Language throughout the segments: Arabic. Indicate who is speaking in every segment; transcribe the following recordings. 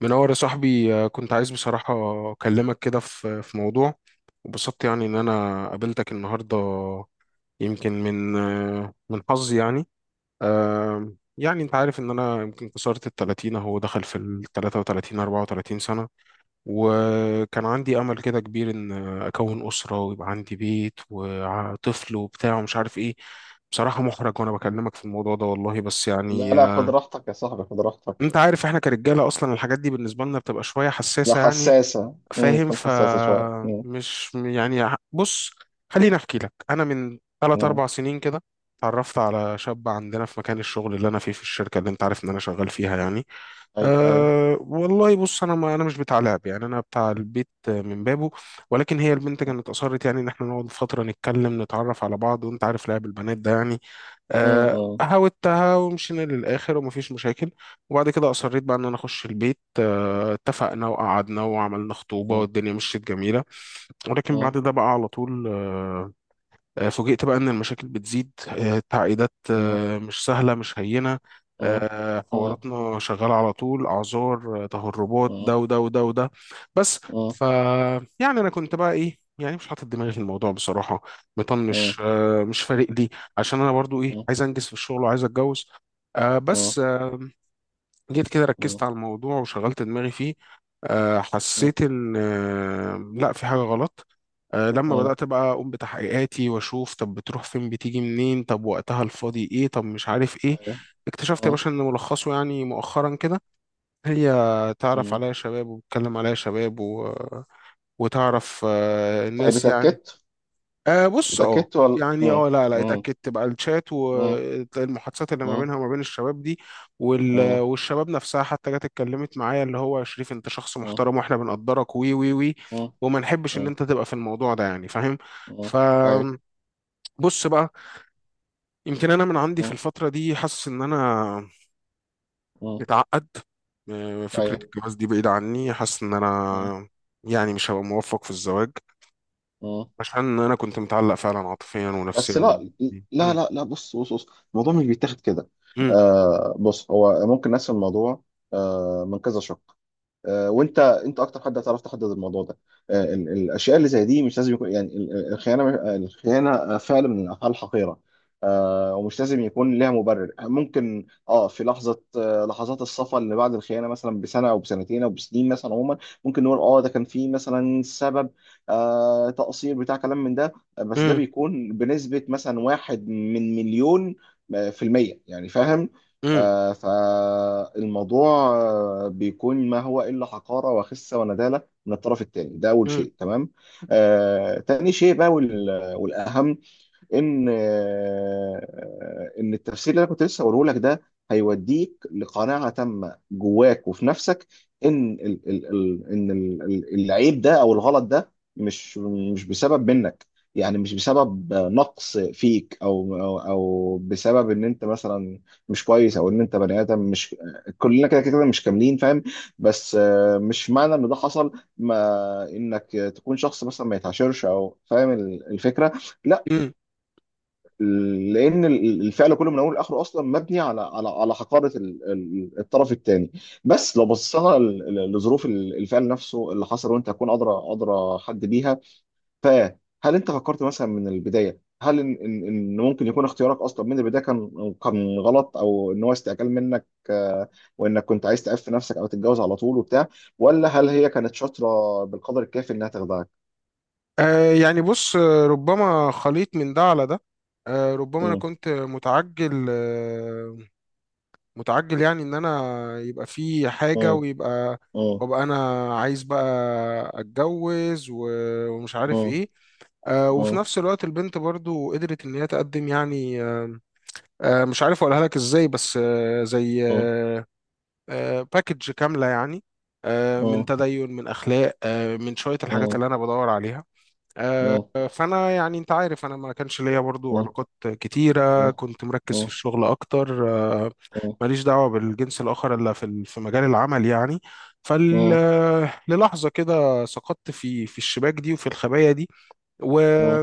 Speaker 1: منور يا صاحبي، كنت عايز بصراحة أكلمك كده في موضوع. وبسطت يعني إن أنا قابلتك النهاردة، يمكن من حظي يعني. يعني أنت عارف إن أنا يمكن كسرت ال30، أهو دخل في ال33 34 سنة. وكان عندي أمل كده كبير إن أكون أسرة ويبقى عندي بيت وطفل وبتاع ومش عارف إيه. بصراحة محرج وأنا بكلمك في الموضوع ده والله، بس
Speaker 2: لا،
Speaker 1: يعني،
Speaker 2: لا، خد راحتك يا صاحبي، خد راحتك.
Speaker 1: انت عارف احنا كرجاله اصلا الحاجات دي بالنسبه لنا بتبقى شويه
Speaker 2: لا،
Speaker 1: حساسه يعني.
Speaker 2: حساسة،
Speaker 1: فاهم؟
Speaker 2: تكون حساسة شوية
Speaker 1: فمش يعني، بص خليني احكي لك انا من 3
Speaker 2: امم.
Speaker 1: 4 سنين كده. اتعرفت على شاب عندنا في مكان الشغل اللي انا فيه، في الشركه اللي انت عارف ان انا شغال فيها يعني.
Speaker 2: اي، اي.
Speaker 1: أه والله، بص ما انا مش بتاع لعب يعني، انا بتاع البيت من بابه. ولكن هي البنت كانت اصرت يعني ان احنا نقعد فتره نتكلم نتعرف على بعض، وانت عارف لعب البنات ده يعني.
Speaker 2: امم. امم.
Speaker 1: هاوتها ومشينا للآخر ومفيش مشاكل. وبعد كده أصريت بقى إن أنا أخش البيت، اتفقنا وقعدنا وعملنا خطوبة
Speaker 2: امم.
Speaker 1: والدنيا مشيت جميلة. ولكن بعد ده بقى على طول، فوجئت بقى إن المشاكل بتزيد، التعقيدات
Speaker 2: امم.
Speaker 1: مش سهلة مش هينة.
Speaker 2: امم. امم.
Speaker 1: حواراتنا شغالة على طول، أعذار، تهربات، ده
Speaker 2: امم.
Speaker 1: وده وده وده، بس.
Speaker 2: امم.
Speaker 1: ف يعني أنا كنت بقى إيه؟ يعني مش حاطط دماغي في الموضوع بصراحة، مطنش، مش فارق لي، عشان أنا برضو إيه،
Speaker 2: امم.
Speaker 1: عايز أنجز في الشغل وعايز أتجوز. بس، جيت كده
Speaker 2: امم. امم.
Speaker 1: ركزت على الموضوع وشغلت دماغي فيه. حسيت إن، لا، في حاجة غلط. لما
Speaker 2: امم.
Speaker 1: بدأت بقى أقوم بتحقيقاتي وأشوف، طب بتروح فين؟ بتيجي منين؟ طب وقتها الفاضي إيه؟ طب مش عارف إيه.
Speaker 2: اي.
Speaker 1: اكتشفت يا
Speaker 2: امم.
Speaker 1: باشا إن ملخصه يعني، مؤخرا كده، هي تعرف
Speaker 2: امم.
Speaker 1: عليا شباب وبتكلم عليا شباب، وتعرف
Speaker 2: طيب،
Speaker 1: الناس يعني.
Speaker 2: اتأكدت؟
Speaker 1: أه، بص،
Speaker 2: اتأكدت ولا؟
Speaker 1: يعني
Speaker 2: امم.
Speaker 1: لا لا،
Speaker 2: امم.
Speaker 1: اتأكدت بقى، الشات
Speaker 2: امم.
Speaker 1: والمحادثات اللي ما
Speaker 2: امم.
Speaker 1: بينها وما بين الشباب دي. والشباب نفسها حتى جت اتكلمت معايا، اللي هو يا شريف انت شخص
Speaker 2: امم.
Speaker 1: محترم واحنا بنقدرك، وي وي وي.
Speaker 2: امم.
Speaker 1: وما نحبش ان
Speaker 2: امم.
Speaker 1: انت تبقى في الموضوع ده يعني، فاهم؟
Speaker 2: امم. اي.
Speaker 1: فبص بقى. يمكن انا من عندي في
Speaker 2: امم.
Speaker 1: الفترة دي حاسس ان انا
Speaker 2: امم.
Speaker 1: متعقد.
Speaker 2: اي.
Speaker 1: فكرة الجواز دي بعيدة عني، حاسس ان
Speaker 2: امم.
Speaker 1: انا يعني مش هبقى موفق في الزواج. عشان انا كنت متعلق فعلا عاطفيا
Speaker 2: بس.
Speaker 1: ونفسيا
Speaker 2: لا، لا، لا، لا، بص، بص، بص، الموضوع مش بيتاخد كده.
Speaker 1: بال
Speaker 2: بص، هو ممكن نقسم الموضوع من كذا شق. وانت اكتر حد هتعرف تحدد الموضوع ده. الاشياء اللي زي دي مش لازم يكون، يعني الخيانه، فعل من الافعال الحقيره. ومش لازم يكون لها مبرر، ممكن في لحظه، لحظات الصفا اللي بعد الخيانه مثلا بسنه او بسنتين او بسنين، مثلا عموما. ممكن نقول ده كان في مثلا سبب، تقصير بتاع كلام من ده. بس ده
Speaker 1: امم
Speaker 2: بيكون بنسبه مثلا واحد من مليون، في المية يعني، فاهم.
Speaker 1: امم
Speaker 2: فالموضوع بيكون ما هو إلا حقارة وخسة وندالة من الطرف الثاني، ده أول
Speaker 1: امم
Speaker 2: شيء، تمام. تاني شيء بقى، والأهم، ان التفسير اللي انا كنت لسه هقوله لك ده هيوديك لقناعه تامه جواك وفي نفسك. ان ال ال ال ان ال ال العيب ده او الغلط ده، مش بسبب منك، يعني مش بسبب نقص فيك او بسبب ان انت مثلا مش كويس، او ان انت بني ادم مش، كلنا كده مش كاملين، فاهم. بس مش معنى ان ده حصل ما انك تكون شخص مثلا ما يتعاشرش، او فاهم الفكره، لا.
Speaker 1: امم
Speaker 2: لان الفعل كله من اول لاخره اصلا مبني على حقاره الطرف الثاني. بس لو بصينا لظروف الفعل نفسه اللي حصل، وانت هتكون ادرى، حد بيها. فهل انت فكرت مثلا من البدايه، هل ان ان إن ممكن يكون اختيارك اصلا من البدايه كان غلط، او ان هو استعجال منك، وانك كنت عايز تعف نفسك او تتجوز على طول وبتاع، ولا هل هي كانت شاطره بالقدر الكافي انها تخدعك؟
Speaker 1: يعني بص، ربما خليط من ده على ده. ربما انا
Speaker 2: مم.
Speaker 1: كنت متعجل، متعجل يعني ان انا يبقى في حاجة،
Speaker 2: مم.
Speaker 1: ويبقى،
Speaker 2: مم.
Speaker 1: وابقى انا عايز بقى اتجوز و- ومش عارف
Speaker 2: مم.
Speaker 1: ايه. وفي
Speaker 2: مم.
Speaker 1: نفس الوقت البنت برضو قدرت ان هي تقدم يعني، مش عارف اقولها لك ازاي، بس زي، آه، باكج كاملة يعني. من
Speaker 2: مم.
Speaker 1: تدين، من أخلاق، من شوية الحاجات
Speaker 2: مم.
Speaker 1: اللي أنا بدور عليها. آه،
Speaker 2: اه.
Speaker 1: فأنا يعني، أنت عارف أنا ما كانش ليا برضو
Speaker 2: اه.
Speaker 1: علاقات كتيرة،
Speaker 2: اه.
Speaker 1: كنت مركز في
Speaker 2: اه.
Speaker 1: الشغل أكتر. آه،
Speaker 2: اه.
Speaker 1: ماليش دعوة بالجنس الآخر إلا في مجال العمل يعني. فال
Speaker 2: اه.
Speaker 1: آه، للحظة كده سقطت في الشباك دي وفي الخبايا دي، و
Speaker 2: اه.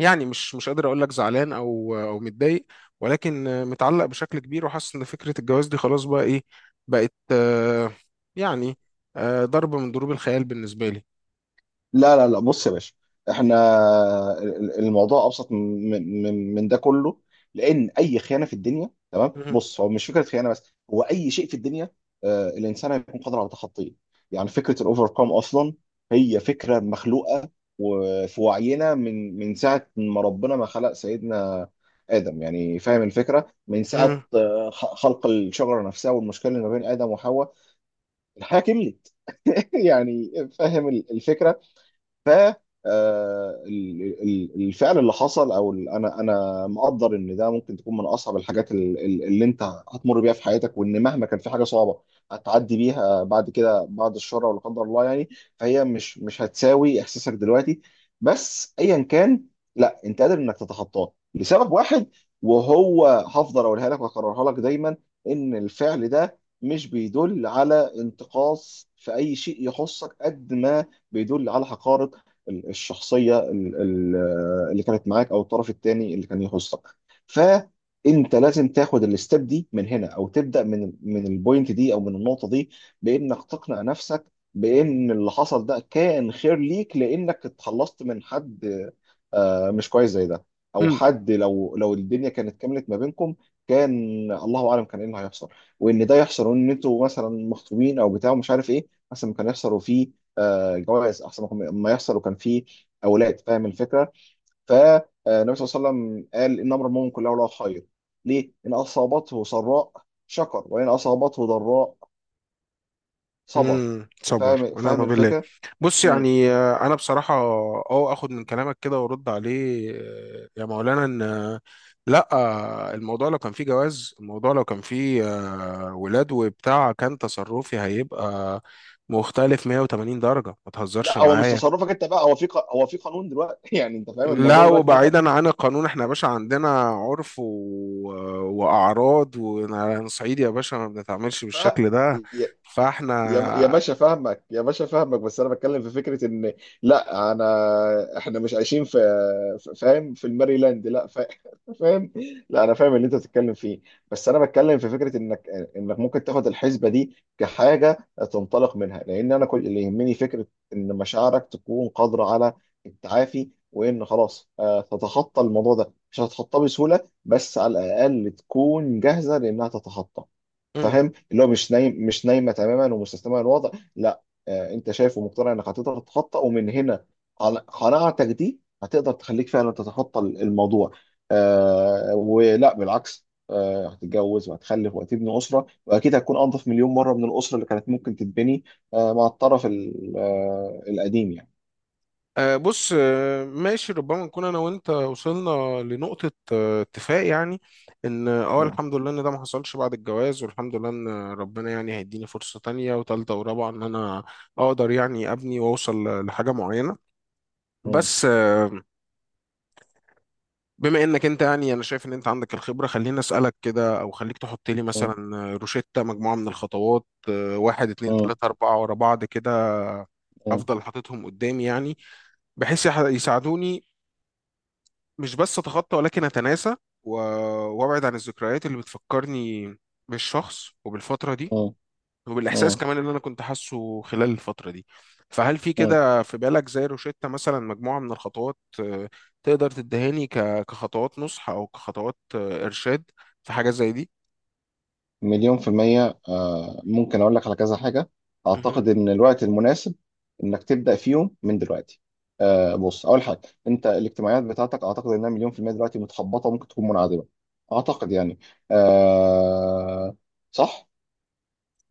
Speaker 1: يعني مش قادر اقول لك زعلان او متضايق، ولكن متعلق بشكل كبير وحاسس ان فكره الجواز دي خلاص بقى ايه، بقت، يعني ضربه من ضروب الخيال بالنسبه لي.
Speaker 2: لا، لا، لا، بص يا باشا، احنا الموضوع ابسط من ده كله. لان اي خيانه في الدنيا، تمام،
Speaker 1: مهم.
Speaker 2: بص، هو مش فكره خيانه بس، هو اي شيء في الدنيا، الانسان هيكون قادر على تخطيه. يعني فكره الاوفر كام اصلا هي فكره مخلوقه وفي وعينا، من ساعه ما ربنا ما خلق سيدنا ادم، يعني فاهم الفكره. من ساعه خلق الشجره نفسها، والمشكله اللي ما بين ادم وحواء، الحياة كملت يعني، فاهم الفكرة. ف آه، ال- ال- الفعل اللي حصل، او انا، مقدر ان ده ممكن تكون من اصعب الحاجات اللي انت هتمر بيها في حياتك، وان مهما كان في حاجه صعبه هتعدي بيها بعد كده، بعد الشر، ولا قدر الله يعني، فهي مش هتساوي احساسك دلوقتي. بس ايا كان، لا، انت قادر انك تتخطاه لسبب واحد، وهو هفضل اقولها لك واكررها لك دايما. ان الفعل ده مش بيدل على انتقاص في اي شيء يخصك، قد ما بيدل على حقارة الشخصيه اللي كانت معاك، او الطرف الثاني اللي كان يخصك. فانت لازم تاخد الستيب دي من هنا، او تبدا من البوينت دي، او من النقطه دي، بانك تقنع نفسك بان اللي حصل ده كان خير ليك، لانك اتخلصت من حد مش كويس زي ده، او
Speaker 1: مم.
Speaker 2: حد لو الدنيا كانت كملت ما بينكم، كان الله اعلم كان ايه اللي هيحصل. وان ده يحصل وان انتوا مثلا مخطوبين او بتاع ومش عارف ايه، مثلا كان يحصل وفي جوائز، احسن ما يحصل وكان فيه اولاد، فاهم الفكره. فالنبي صلى الله عليه وسلم قال ان امر المؤمن كله له خير، ليه؟ ان اصابته سراء شكر، وان اصابته ضراء صبر.
Speaker 1: صبر
Speaker 2: فاهم، فاهم
Speaker 1: ونعم بالله.
Speaker 2: الفكره.
Speaker 1: بص،
Speaker 2: مم.
Speaker 1: يعني انا بصراحه اخد من كلامك كده وارد عليه، يا مولانا، ان، لا، الموضوع لو كان فيه جواز، الموضوع لو كان فيه ولاد وبتاع، كان تصرفي هيبقى مختلف 180 درجه. ما تهزرش
Speaker 2: لا، هو مش
Speaker 1: معايا.
Speaker 2: تصرفك انت بقى، هو هو في قانون دلوقتي يعني، انت فاهم، الموضوع
Speaker 1: لا،
Speaker 2: دلوقتي دخل
Speaker 1: وبعيدا عن القانون، احنا يا باشا عندنا عرف و... آه، واعراض، ونحن صعيدي يا باشا ما بنتعاملش
Speaker 2: ف
Speaker 1: بالشكل ده.
Speaker 2: يا
Speaker 1: فاحنا
Speaker 2: باشا فاهمك، يا باشا فاهمك، بس انا بتكلم في فكره ان، لا انا احنا مش عايشين في فاهم، في الماريلاند، لا فا- فاهم. لا انا فاهم اللي انت بتتكلم فيه، بس انا بتكلم في فكره انك ممكن تاخد الحسبه دي كحاجه تنطلق منها، لان انا كل اللي يهمني فكره ان مشاعرك تكون قادره على التعافي، وان خلاص تتخطى الموضوع ده. مش هتتخطاه بسهوله، بس على الاقل تكون جاهزه لانها تتخطى، فاهم، اللي هو مش نايم، مش نايمه تماما ومستسلمه للوضع، لا. آه، انت شايف ومقتنع انك هتقدر تتخطى، ومن هنا قناعتك دي هتقدر تخليك فعلا تتخطى الموضوع. آه، ولا بالعكس، آه، هتتجوز وهتخلف وهتبني اسره، واكيد هتكون انظف مليون مره من الاسره اللي كانت ممكن تتبني آه مع الطرف القديم يعني.
Speaker 1: بص، ماشي، ربما نكون انا وانت وصلنا لنقطة اتفاق يعني. ان
Speaker 2: م-
Speaker 1: الحمد لله ان ده ما حصلش بعد الجواز، والحمد لله ان ربنا يعني هيديني فرصة تانية وتالتة ورابعة، ان انا اقدر يعني ابني واوصل لحاجة معينة.
Speaker 2: م-
Speaker 1: بس، بما انك انت يعني، انا شايف ان انت عندك الخبرة، خليني اسألك كده، او خليك تحط لي
Speaker 2: م-
Speaker 1: مثلا روشتة، مجموعة من الخطوات. واحد اتنين
Speaker 2: م-
Speaker 1: تلاتة اربعة ورا بعض كده،
Speaker 2: م-
Speaker 1: افضل حاططهم قدامي يعني، بحيث يساعدوني، مش بس اتخطى ولكن اتناسى، و- وابعد عن الذكريات اللي بتفكرني بالشخص وبالفتره دي، وبالاحساس
Speaker 2: م-
Speaker 1: كمان اللي انا كنت حاسه خلال الفتره دي. فهل في
Speaker 2: م-
Speaker 1: كده في بالك زي روشتة مثلا، مجموعه من الخطوات تقدر تدهاني كخطوات نصح او كخطوات ارشاد، في حاجه زي دي؟
Speaker 2: مليون في المية، ممكن أقول لك على كذا حاجة.
Speaker 1: مهم.
Speaker 2: أعتقد إن الوقت المناسب إنك تبدأ فيهم من دلوقتي. بص، أول حاجة، أنت الاجتماعيات بتاعتك أعتقد إنها مليون في المية دلوقتي متخبطة، ممكن تكون منعدمة. أعتقد يعني، آه، صح؟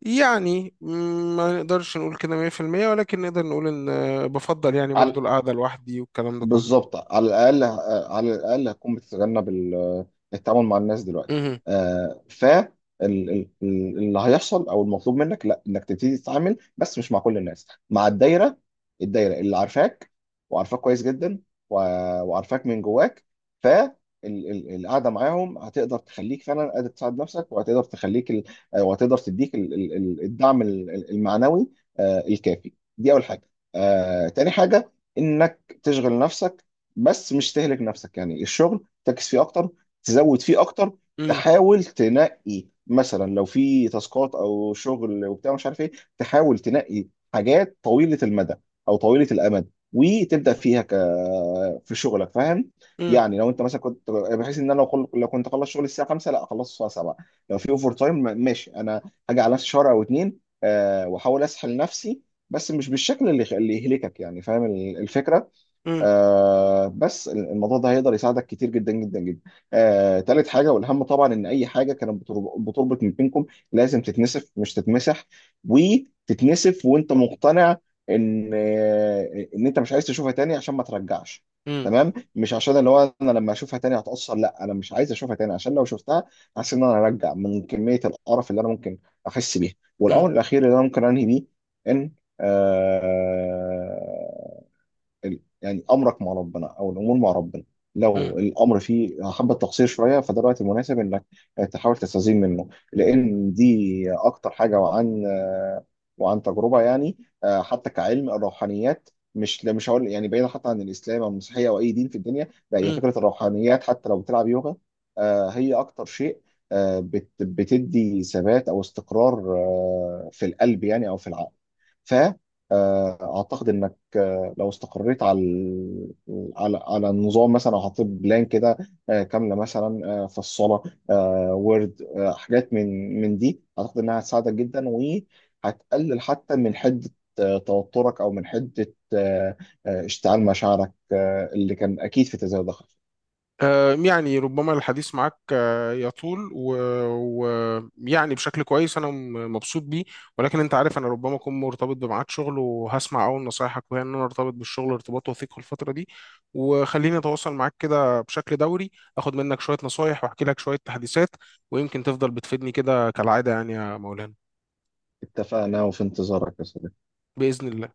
Speaker 1: يعني ما نقدرش نقول كده 100%، ولكن نقدر نقول ان بفضل يعني برضو
Speaker 2: على،
Speaker 1: القعده لوحدي والكلام ده كله.
Speaker 2: بالظبط، على الاقل، على الاقل هتكون بتتجنب التعامل مع الناس دلوقتي.
Speaker 1: مهم.
Speaker 2: آه، ف ال- ال- ال- اللي هيحصل او المطلوب منك، لا انك تبتدي تتعامل، بس مش مع كل الناس، مع الدايره، الدايره اللي عارفاك، وعارفاك كويس جدا، و- وعارفاك من جواك. ف ال- القعده معاهم هتقدر تخليك فعلا قادر تساعد نفسك، وهتقدر تخليك وهتقدر تديك الدعم المعنوي الكافي. دي اول حاجه. تاني حاجه، انك تشغل نفسك، بس مش تهلك نفسك، يعني الشغل تركز فيه اكتر، تزود فيه اكتر.
Speaker 1: مم.
Speaker 2: تحاول تنقي مثلا لو في تاسكات او شغل وبتاع مش عارف ايه، تحاول تنقي حاجات طويلة المدى او طويلة الامد، وتبدا فيها ك... في شغلك، فاهم.
Speaker 1: مم.
Speaker 2: يعني لو انت مثلا كنت بحيث ان انا، لو لو كنت اخلص شغل الساعه 5، لا اخلصه الساعه 7. لو في اوفر تايم، ماشي، انا هاجي على نفسي شهر او اتنين، واحاول اسحل نفسي، بس مش بالشكل اللي يهلكك، يعني فاهم الفكره.
Speaker 1: مم.
Speaker 2: آه، بس الموضوع ده هيقدر يساعدك كتير جدا جدا جدا. آه، تالت حاجه، والاهم طبعا، ان اي حاجه كانت بتربط من بينكم، لازم تتنسف مش تتمسح، وتتنسف وانت مقتنع ان ان انت مش عايز تشوفها تاني عشان ما ترجعش.
Speaker 1: مم.
Speaker 2: تمام، مش عشان اللي هو انا لما اشوفها تاني هتأثر، لا، انا مش عايز اشوفها تاني عشان لو شفتها حاسس ان انا هرجع، من كميه القرف اللي انا ممكن احس بيها. والامر الاخير اللي انا ممكن انهي بيه، ان آه يعني امرك مع ربنا، او الامور مع ربنا،
Speaker 1: مم.
Speaker 2: لو الامر فيه حبه تقصير شويه، فده الوقت المناسب انك تحاول تستزيد منه، لان دي اكتر حاجه، وعن تجربه يعني. حتى كعلم الروحانيات، مش لا مش هقول يعني، بعيدا حتى عن الاسلام او المسيحيه او اي دين في الدنيا، لا، هي
Speaker 1: مم.
Speaker 2: فكره الروحانيات حتى لو بتلعب يوغا، هي اكتر شيء بتدي ثبات او استقرار في القلب، يعني او في العقل. ف آه، اعتقد انك لو استقريت على على النظام مثلا، او حطيت بلان كده كامله، مثلا في الصلاه، وورد، حاجات من دي، اعتقد انها هتساعدك جدا، وهتقلل حتى من حده توترك، او من حده اشتعال مشاعرك اللي كان اكيد في تزايد ضغط.
Speaker 1: يعني ربما الحديث معك يطول، ويعني بشكل كويس انا مبسوط بيه. ولكن انت عارف انا ربما اكون مرتبط بميعاد شغل، وهسمع اول نصايحك وهي ان انا ارتبط بالشغل ارتباط وثيق في الفتره دي. وخليني اتواصل معاك كده بشكل دوري، اخد منك شويه نصايح واحكي لك شويه تحديثات، ويمكن تفضل بتفيدني كده كالعاده يعني يا مولانا.
Speaker 2: اتفقنا، وفي انتظارك يا صديقي.
Speaker 1: باذن الله.